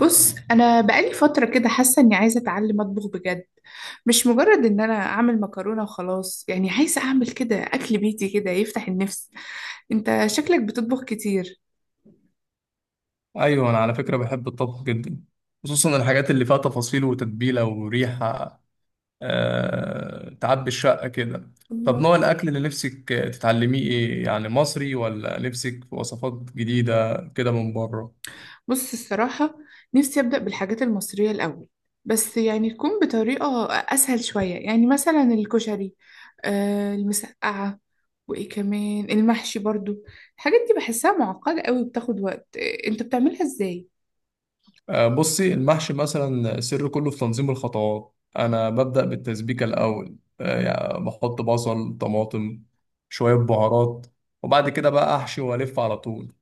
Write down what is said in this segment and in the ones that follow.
بص انا بقالي فتره كده حاسه اني عايزه اتعلم اطبخ بجد. مش مجرد ان انا اعمل مكرونه وخلاص، يعني عايزه اعمل كده اكل بيتي كده يفتح النفس. انت شكلك بتطبخ كتير؟ ايوه، انا على فكره بحب الطبخ جدا، خصوصا الحاجات اللي فيها تفاصيل وتتبيله وريحه. تعبي الشقه كده. طب الله. نوع الاكل اللي نفسك تتعلميه ايه؟ يعني مصري ولا نفسك في وصفات جديده كده من بره؟ بص الصراحة، نفسي أبدأ بالحاجات المصرية الأول، بس يعني تكون بطريقة أسهل شوية، يعني مثلا الكشري، المسقعة، وإيه كمان المحشي برضو. الحاجات دي بحسها معقدة قوي وبتاخد وقت، أنت بتعملها إزاي؟ بصي، المحشي مثلا السر كله في تنظيم الخطوات. انا ببدا بالتسبيكه الاول، يعني بحط بصل، طماطم، شويه بهارات، وبعد كده بقى احشي والف على طول.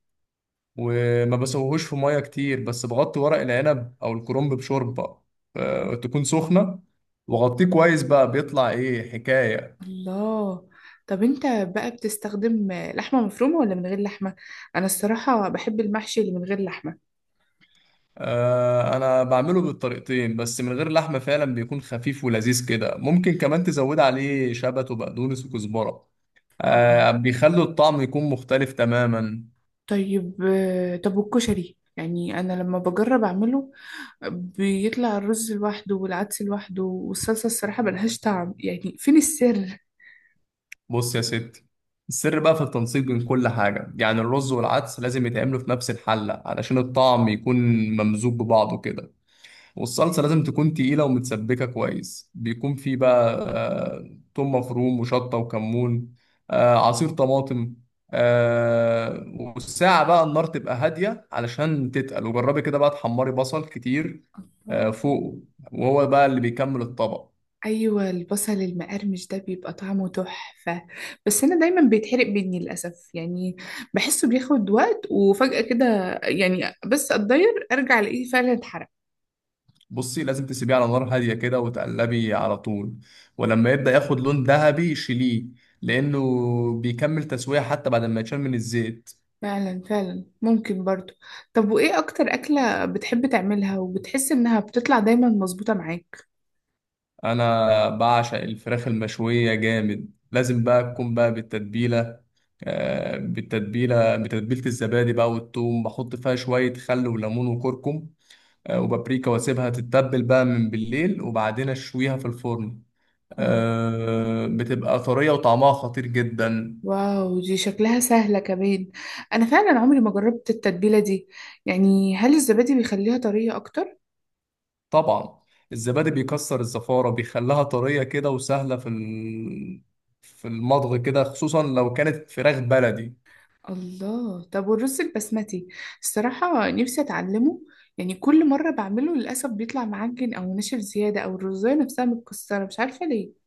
وما بسويهوش في ميه كتير، بس بغطي ورق العنب او الكرنب بشوربه، تكون سخنه، وغطيه كويس. بقى بيطلع ايه حكايه! الله. طب أنت بقى بتستخدم لحمة مفرومة ولا من غير لحمة؟ أنا الصراحة بحب المحشي اللي من غير لحمة. انا بعمله بالطريقتين، بس من غير لحمه فعلا بيكون خفيف ولذيذ كده. ممكن كمان تزود عليه شبت وبقدونس وكزبره، آه. بيخلوا الطعم يكون مختلف تماما. طيب، طب والكشري؟ يعني أنا لما بجرب أعمله بيطلع الرز لوحده والعدس لوحده، والصلصة الصراحة ملهاش طعم، يعني فين السر؟ بص يا ستي، السر بقى في التنسيق بين كل حاجة. يعني الرز والعدس لازم يتعملوا في نفس الحلة علشان الطعم يكون ممزوج ببعضه كده. والصلصة لازم تكون تقيلة ومتسبكة كويس، بيكون في بقى توم مفروم وشطة وكمون، عصير طماطم. والساعة بقى النار تبقى هادية علشان تتقل. وجربي كده بقى تحمري بصل كتير، الله. فوقه، وهو بقى اللي بيكمل الطبق. أيوة، البصل المقرمش ده بيبقى طعمه تحفة، بس أنا دايما بيتحرق مني للأسف، يعني بحسه بياخد وقت وفجأة كده، يعني بس أتضير أرجع ألاقيه فعلا اتحرق. بصي، لازم تسيبيه على نار هادية كده وتقلبي على طول، ولما يبدأ ياخد لون ذهبي شيليه، لأنه بيكمل تسوية حتى بعد ما يتشال من الزيت. فعلا فعلا ممكن برضو. طب وإيه أكتر أكلة بتحب تعملها وبتحس إنها بتطلع دايما مظبوطة معاك؟ انا بعشق الفراخ المشويه جامد. لازم بقى تكون بقى بالتتبيله، بالتتبيله، بتتبيله الزبادي بقى والثوم. بحط فيها شويه خل وليمون وكركم، وبابريكا، واسيبها تتبل بقى من بالليل وبعدين اشويها في الفرن. بتبقى طريه وطعمها خطير جدا. واو، دي شكلها سهلة كمان، أنا فعلا عمري ما جربت التتبيلة دي، يعني هل الزبادي بيخليها طرية أكتر؟ طبعا الزبادي بيكسر الزفاره، بيخليها طريه كده وسهله في في المضغ كده، خصوصا لو كانت فراخ بلدي. الله، طب والرز البسمتي، الصراحة نفسي أتعلمه، يعني كل مرة بعمله للأسف بيطلع معجن أو ناشف زيادة أو الرزاية نفسها متكسرة، مش عارفة ليه.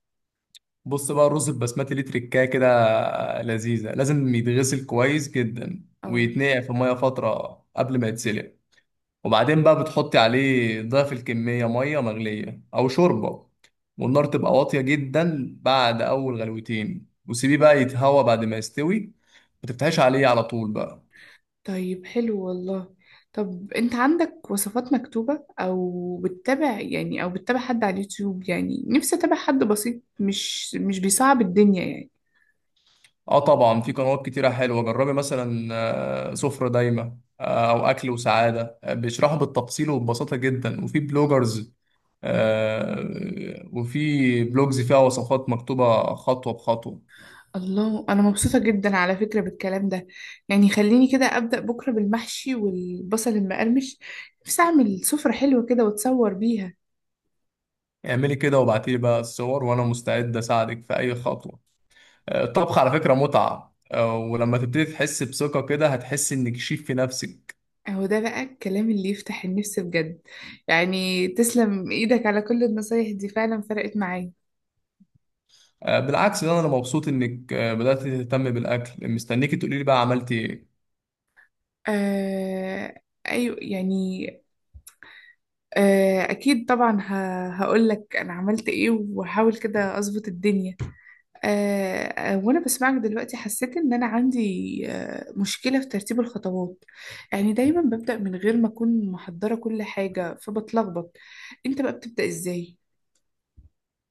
بص بقى، الرز البسمتي ليه تركايه كده لذيذة. لازم يتغسل كويس جدا اه. ويتنقع في مية فترة قبل ما يتسلق. وبعدين بقى بتحطي عليه ضعف الكمية مية مغلية أو شوربة، والنار تبقى واطية جدا بعد أول غلوتين، وسيبيه بقى يتهوى بعد ما يستوي. ما تفتحيش عليه على طول بقى. طيب حلو والله، طب أنت عندك وصفات مكتوبة أو بتتابع حد على اليوتيوب، يعني نفسي أتابع حد بسيط، مش بيصعب الدنيا يعني. اه طبعا، في قنوات كتيرة حلوة. جربي مثلا سفرة دايمة، أو أكل وسعادة، بيشرحوا بالتفصيل وببساطة جدا. وفي بلوجرز، وفي بلوجز فيها وصفات مكتوبة خطوة بخطوة. الله، انا مبسوطه جدا على فكره بالكلام ده، يعني خليني كده ابدا بكره بالمحشي والبصل المقرمش، نفسي اعمل سفره حلوه كده واتصور بيها. اعملي كده وابعتيلي بقى الصور، وأنا مستعد أساعدك في أي خطوة. الطبخ على فكرة متعة، ولما تبتدي تحس بثقة كده هتحسي إنك شيف في نفسك. اهو ده بقى الكلام اللي يفتح النفس بجد، يعني تسلم ايدك على كل النصايح دي، فعلا فرقت معايا. بالعكس، ده أنا مبسوط إنك بدأت تهتم بالأكل. مستنيكي تقولي لي بقى عملتي إيه. آه. ايوه يعني. آه اكيد طبعا. هقول لك انا عملت ايه وهحاول كده اظبط الدنيا. وانا بسمعك دلوقتي حسيت ان انا عندي مشكلة في ترتيب الخطوات، يعني دايما ببدأ من غير ما اكون محضرة كل حاجة فبتلخبط، انت بقى بتبدأ ازاي؟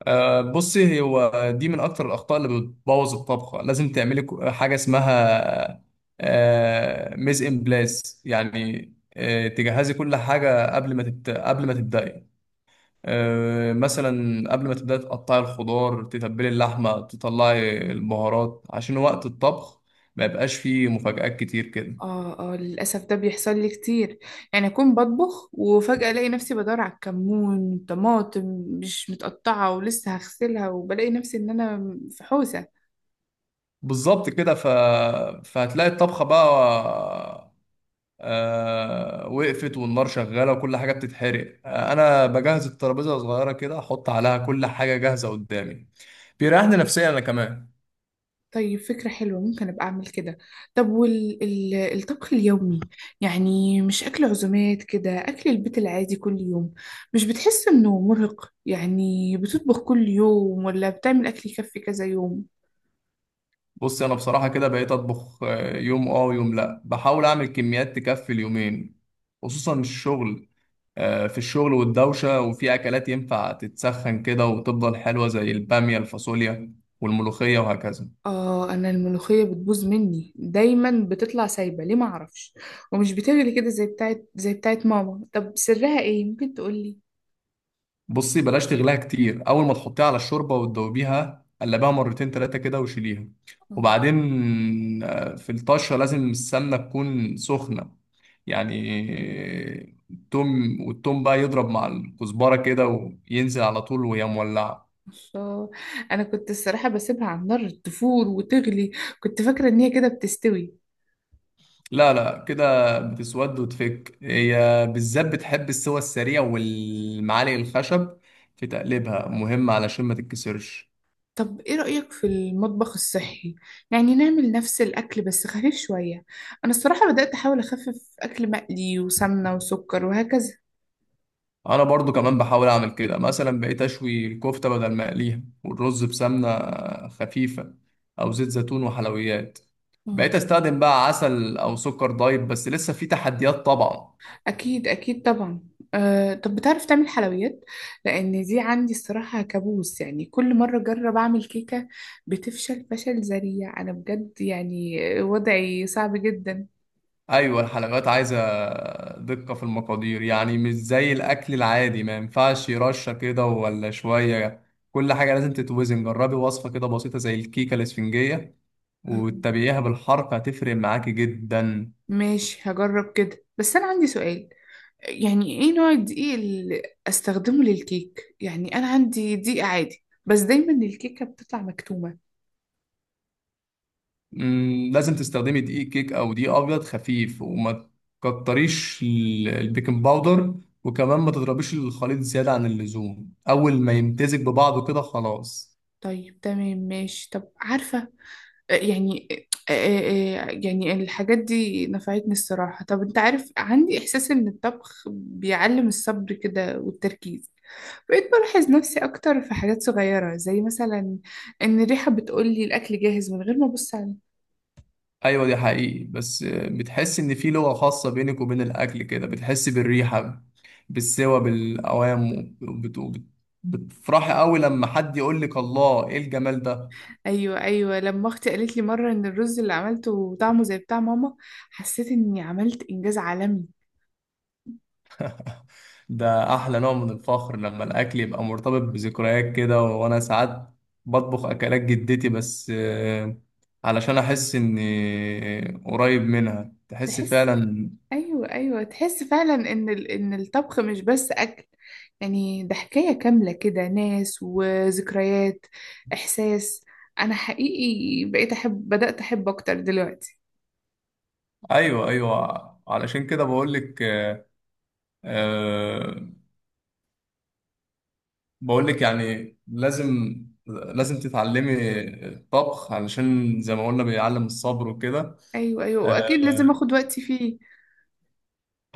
بصي، هو دي من اكتر الاخطاء اللي بتبوظ الطبخه. لازم تعملي حاجه اسمها ميز ان بلاس، يعني تجهزي كل حاجه قبل ما قبل ما تبداي. مثلا قبل ما تبداي تقطعي الخضار، تتبلي اللحمه، تطلعي البهارات، عشان وقت الطبخ ما يبقاش فيه مفاجآت كتير كده. اه اه، للأسف ده بيحصل لي كتير، يعني اكون بطبخ وفجأة الاقي نفسي بدور على الكمون، طماطم مش متقطعة ولسه هغسلها، وبلاقي نفسي ان انا في حوسة. بالظبط كده. فهتلاقي الطبخه بقى وقفت، والنار شغاله وكل حاجه بتتحرق. انا بجهز الترابيزه صغيره كده، احط عليها كل حاجه جاهزه قدامي. بيريحني نفسيا انا كمان. طيب فكرة حلوة، ممكن أبقى أعمل كده. طب والطبخ اليومي، يعني مش أكل عزومات كده، أكل البيت العادي كل يوم، مش بتحس إنه مرهق؟ يعني بتطبخ كل يوم ولا بتعمل أكل يكفي كذا يوم؟ بص، انا بصراحه كده بقيت اطبخ يوم اه ويوم لا. بحاول اعمل كميات تكفي اليومين، خصوصا الشغل، في الشغل والدوشه. وفي اكلات ينفع تتسخن كده وتفضل حلوه، زي الباميه، الفاصوليا، والملوخيه وهكذا. آه، أنا الملوخية بتبوظ مني دايما، بتطلع سايبة ليه معرفش، ومش بتغلي كده زي بتاعت ماما، طب سرها إيه ممكن تقولي؟ بصي، بلاش تغليها كتير. اول ما تحطيها على الشوربه وتدوبيها قلبها مرتين تلاتة كده وشيليها. آه، وبعدين في الطشه لازم السمنه تكون سخنه، يعني التوم، والتوم بقى يضرب مع الكزبره كده، وينزل على طول وهي مولعه. الله، أنا كنت الصراحة بسيبها على النار تفور وتغلي، كنت فاكرة إن هي كده بتستوي. لا لا، كده بتسود وتفك. هي بالذات بتحب السوى السريع، والمعالق الخشب في تقليبها مهم علشان ما تتكسرش. طب ايه رأيك في المطبخ الصحي؟ يعني نعمل نفس الاكل بس خفيف شوية، انا الصراحة بدأت احاول اخفف اكل مقلي وسمنة وسكر وهكذا. انا برضو كمان بحاول اعمل كده. مثلا بقيت اشوي الكفته بدل ما اقليها، والرز بسمنه خفيفه او زيت زيتون. وحلويات، مم. بقيت استخدم بقى عسل او سكر دايت، بس لسه في تحديات طبعا. اكيد اكيد طبعا. أه طب بتعرف تعمل حلويات؟ لان دي عندي الصراحة كابوس، يعني كل مرة اجرب اعمل كيكة بتفشل فشل ذريع، انا بجد يعني وضعي صعب جدا. ايوه، الحلويات عايزه دقه في المقادير، يعني مش زي الاكل العادي. ما ينفعش رشه كده ولا شويه، كل حاجه لازم تتوزن. جربي وصفه كده بسيطه زي الكيكه الاسفنجيه، مم. وتتابعيها بالحركه هتفرق معاكي جدا. ماشي هجرب كده، بس انا عندي سؤال، يعني ايه نوع الدقيق اللي استخدمه للكيك؟ يعني انا عندي دقيق عادي بس دايما الكيكة بتطلع مكتومة. مم، لازم تستخدمي دقيق كيك او دقيق ابيض خفيف، وما تكتريش البيكنج باودر، وكمان ما تضربيش الخليط زيادة عن اللزوم. اول ما يمتزج ببعضه كده خلاص. طيب تمام ماشي، طب عارفة، يعني يعني الحاجات دي نفعتني الصراحة. طب انت عارف عندي احساس ان الطبخ بيعلم الصبر كده والتركيز، بقيت بلاحظ نفسي اكتر في حاجات صغيرة زي مثلا ان الريحة بتقولي الاكل جاهز من غير ما ابص على. ايوه، دي حقيقي. بس بتحس ان في لغة خاصة بينك وبين الاكل كده. بتحس بالريحة، بالسوى، بالاوام، بتفرحي قوي لما حد يقول لك الله، ايه الجمال ده. ايوه ايوه لما اختي قالت لي مره ان الرز اللي عملته طعمه زي بتاع ماما، حسيت اني عملت انجاز عالمي. ده احلى نوع من الفخر، لما الاكل يبقى مرتبط بذكريات كده. وانا ساعات بطبخ اكلات جدتي، بس علشان احس اني قريب منها. تحس تحس، فعلا. ايوه ايوه تحس فعلا ان ان الطبخ مش بس اكل، يعني ده حكايه كامله كده، ناس وذكريات، احساس. انا حقيقي بقيت احب بدات احب اكتر دلوقتي. ايوه ايوه، علشان كده بقول لك آه، بقول لك يعني لازم، لازم تتعلمي الطبخ، علشان زي ما قلنا بيعلم الصبر وكده. ايوه ايوه واكيد لازم آه، اخد وقتي فيه.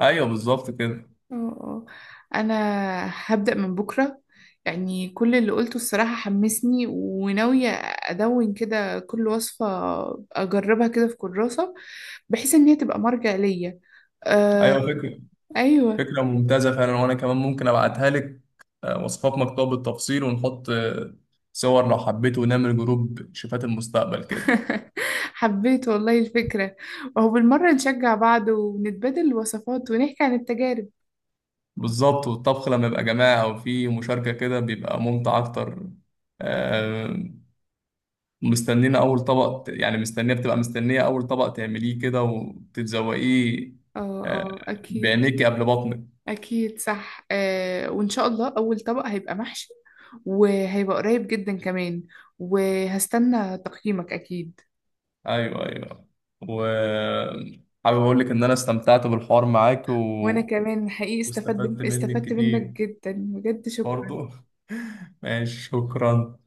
ايوه بالظبط كده. اه اه انا هبدأ من بكرة، يعني كل اللي قلته الصراحة حمسني، وناوية ادون كده كل وصفة اجربها كده في كراسة، بحيث ان هي تبقى مرجع ليا. آه. ايوه فكرة، ايوه. فكرة ممتازة فعلا. وأنا كمان ممكن أبعتها لك وصفات مكتوبة بالتفصيل، ونحط صور لو حبيت، ونعمل جروب شيفات المستقبل كده. حبيت والله الفكرة، وهو بالمرة نشجع بعض ونتبادل الوصفات ونحكي عن التجارب. بالظبط، والطبخ لما يبقى جماعة أو في مشاركة كده بيبقى ممتع أكتر. آه، مستنينا أول طبق مستنية أول طبق تعمليه كده وتتذوقيه اه آه، اه اكيد بعينيكي قبل بطنك. اكيد صح. آه وان شاء الله اول طبق هيبقى محشي، وهيبقى قريب جدا كمان، وهستنى تقييمك أكيد. أيوه أيوه، وحابب أقول لك إن أنا استمتعت بالحوار معاك وأنا كمان حقيقي واستفدت استفدت منك استفدت منك كتير جدا بجد شكرا. برضو. ماشي، شكرا.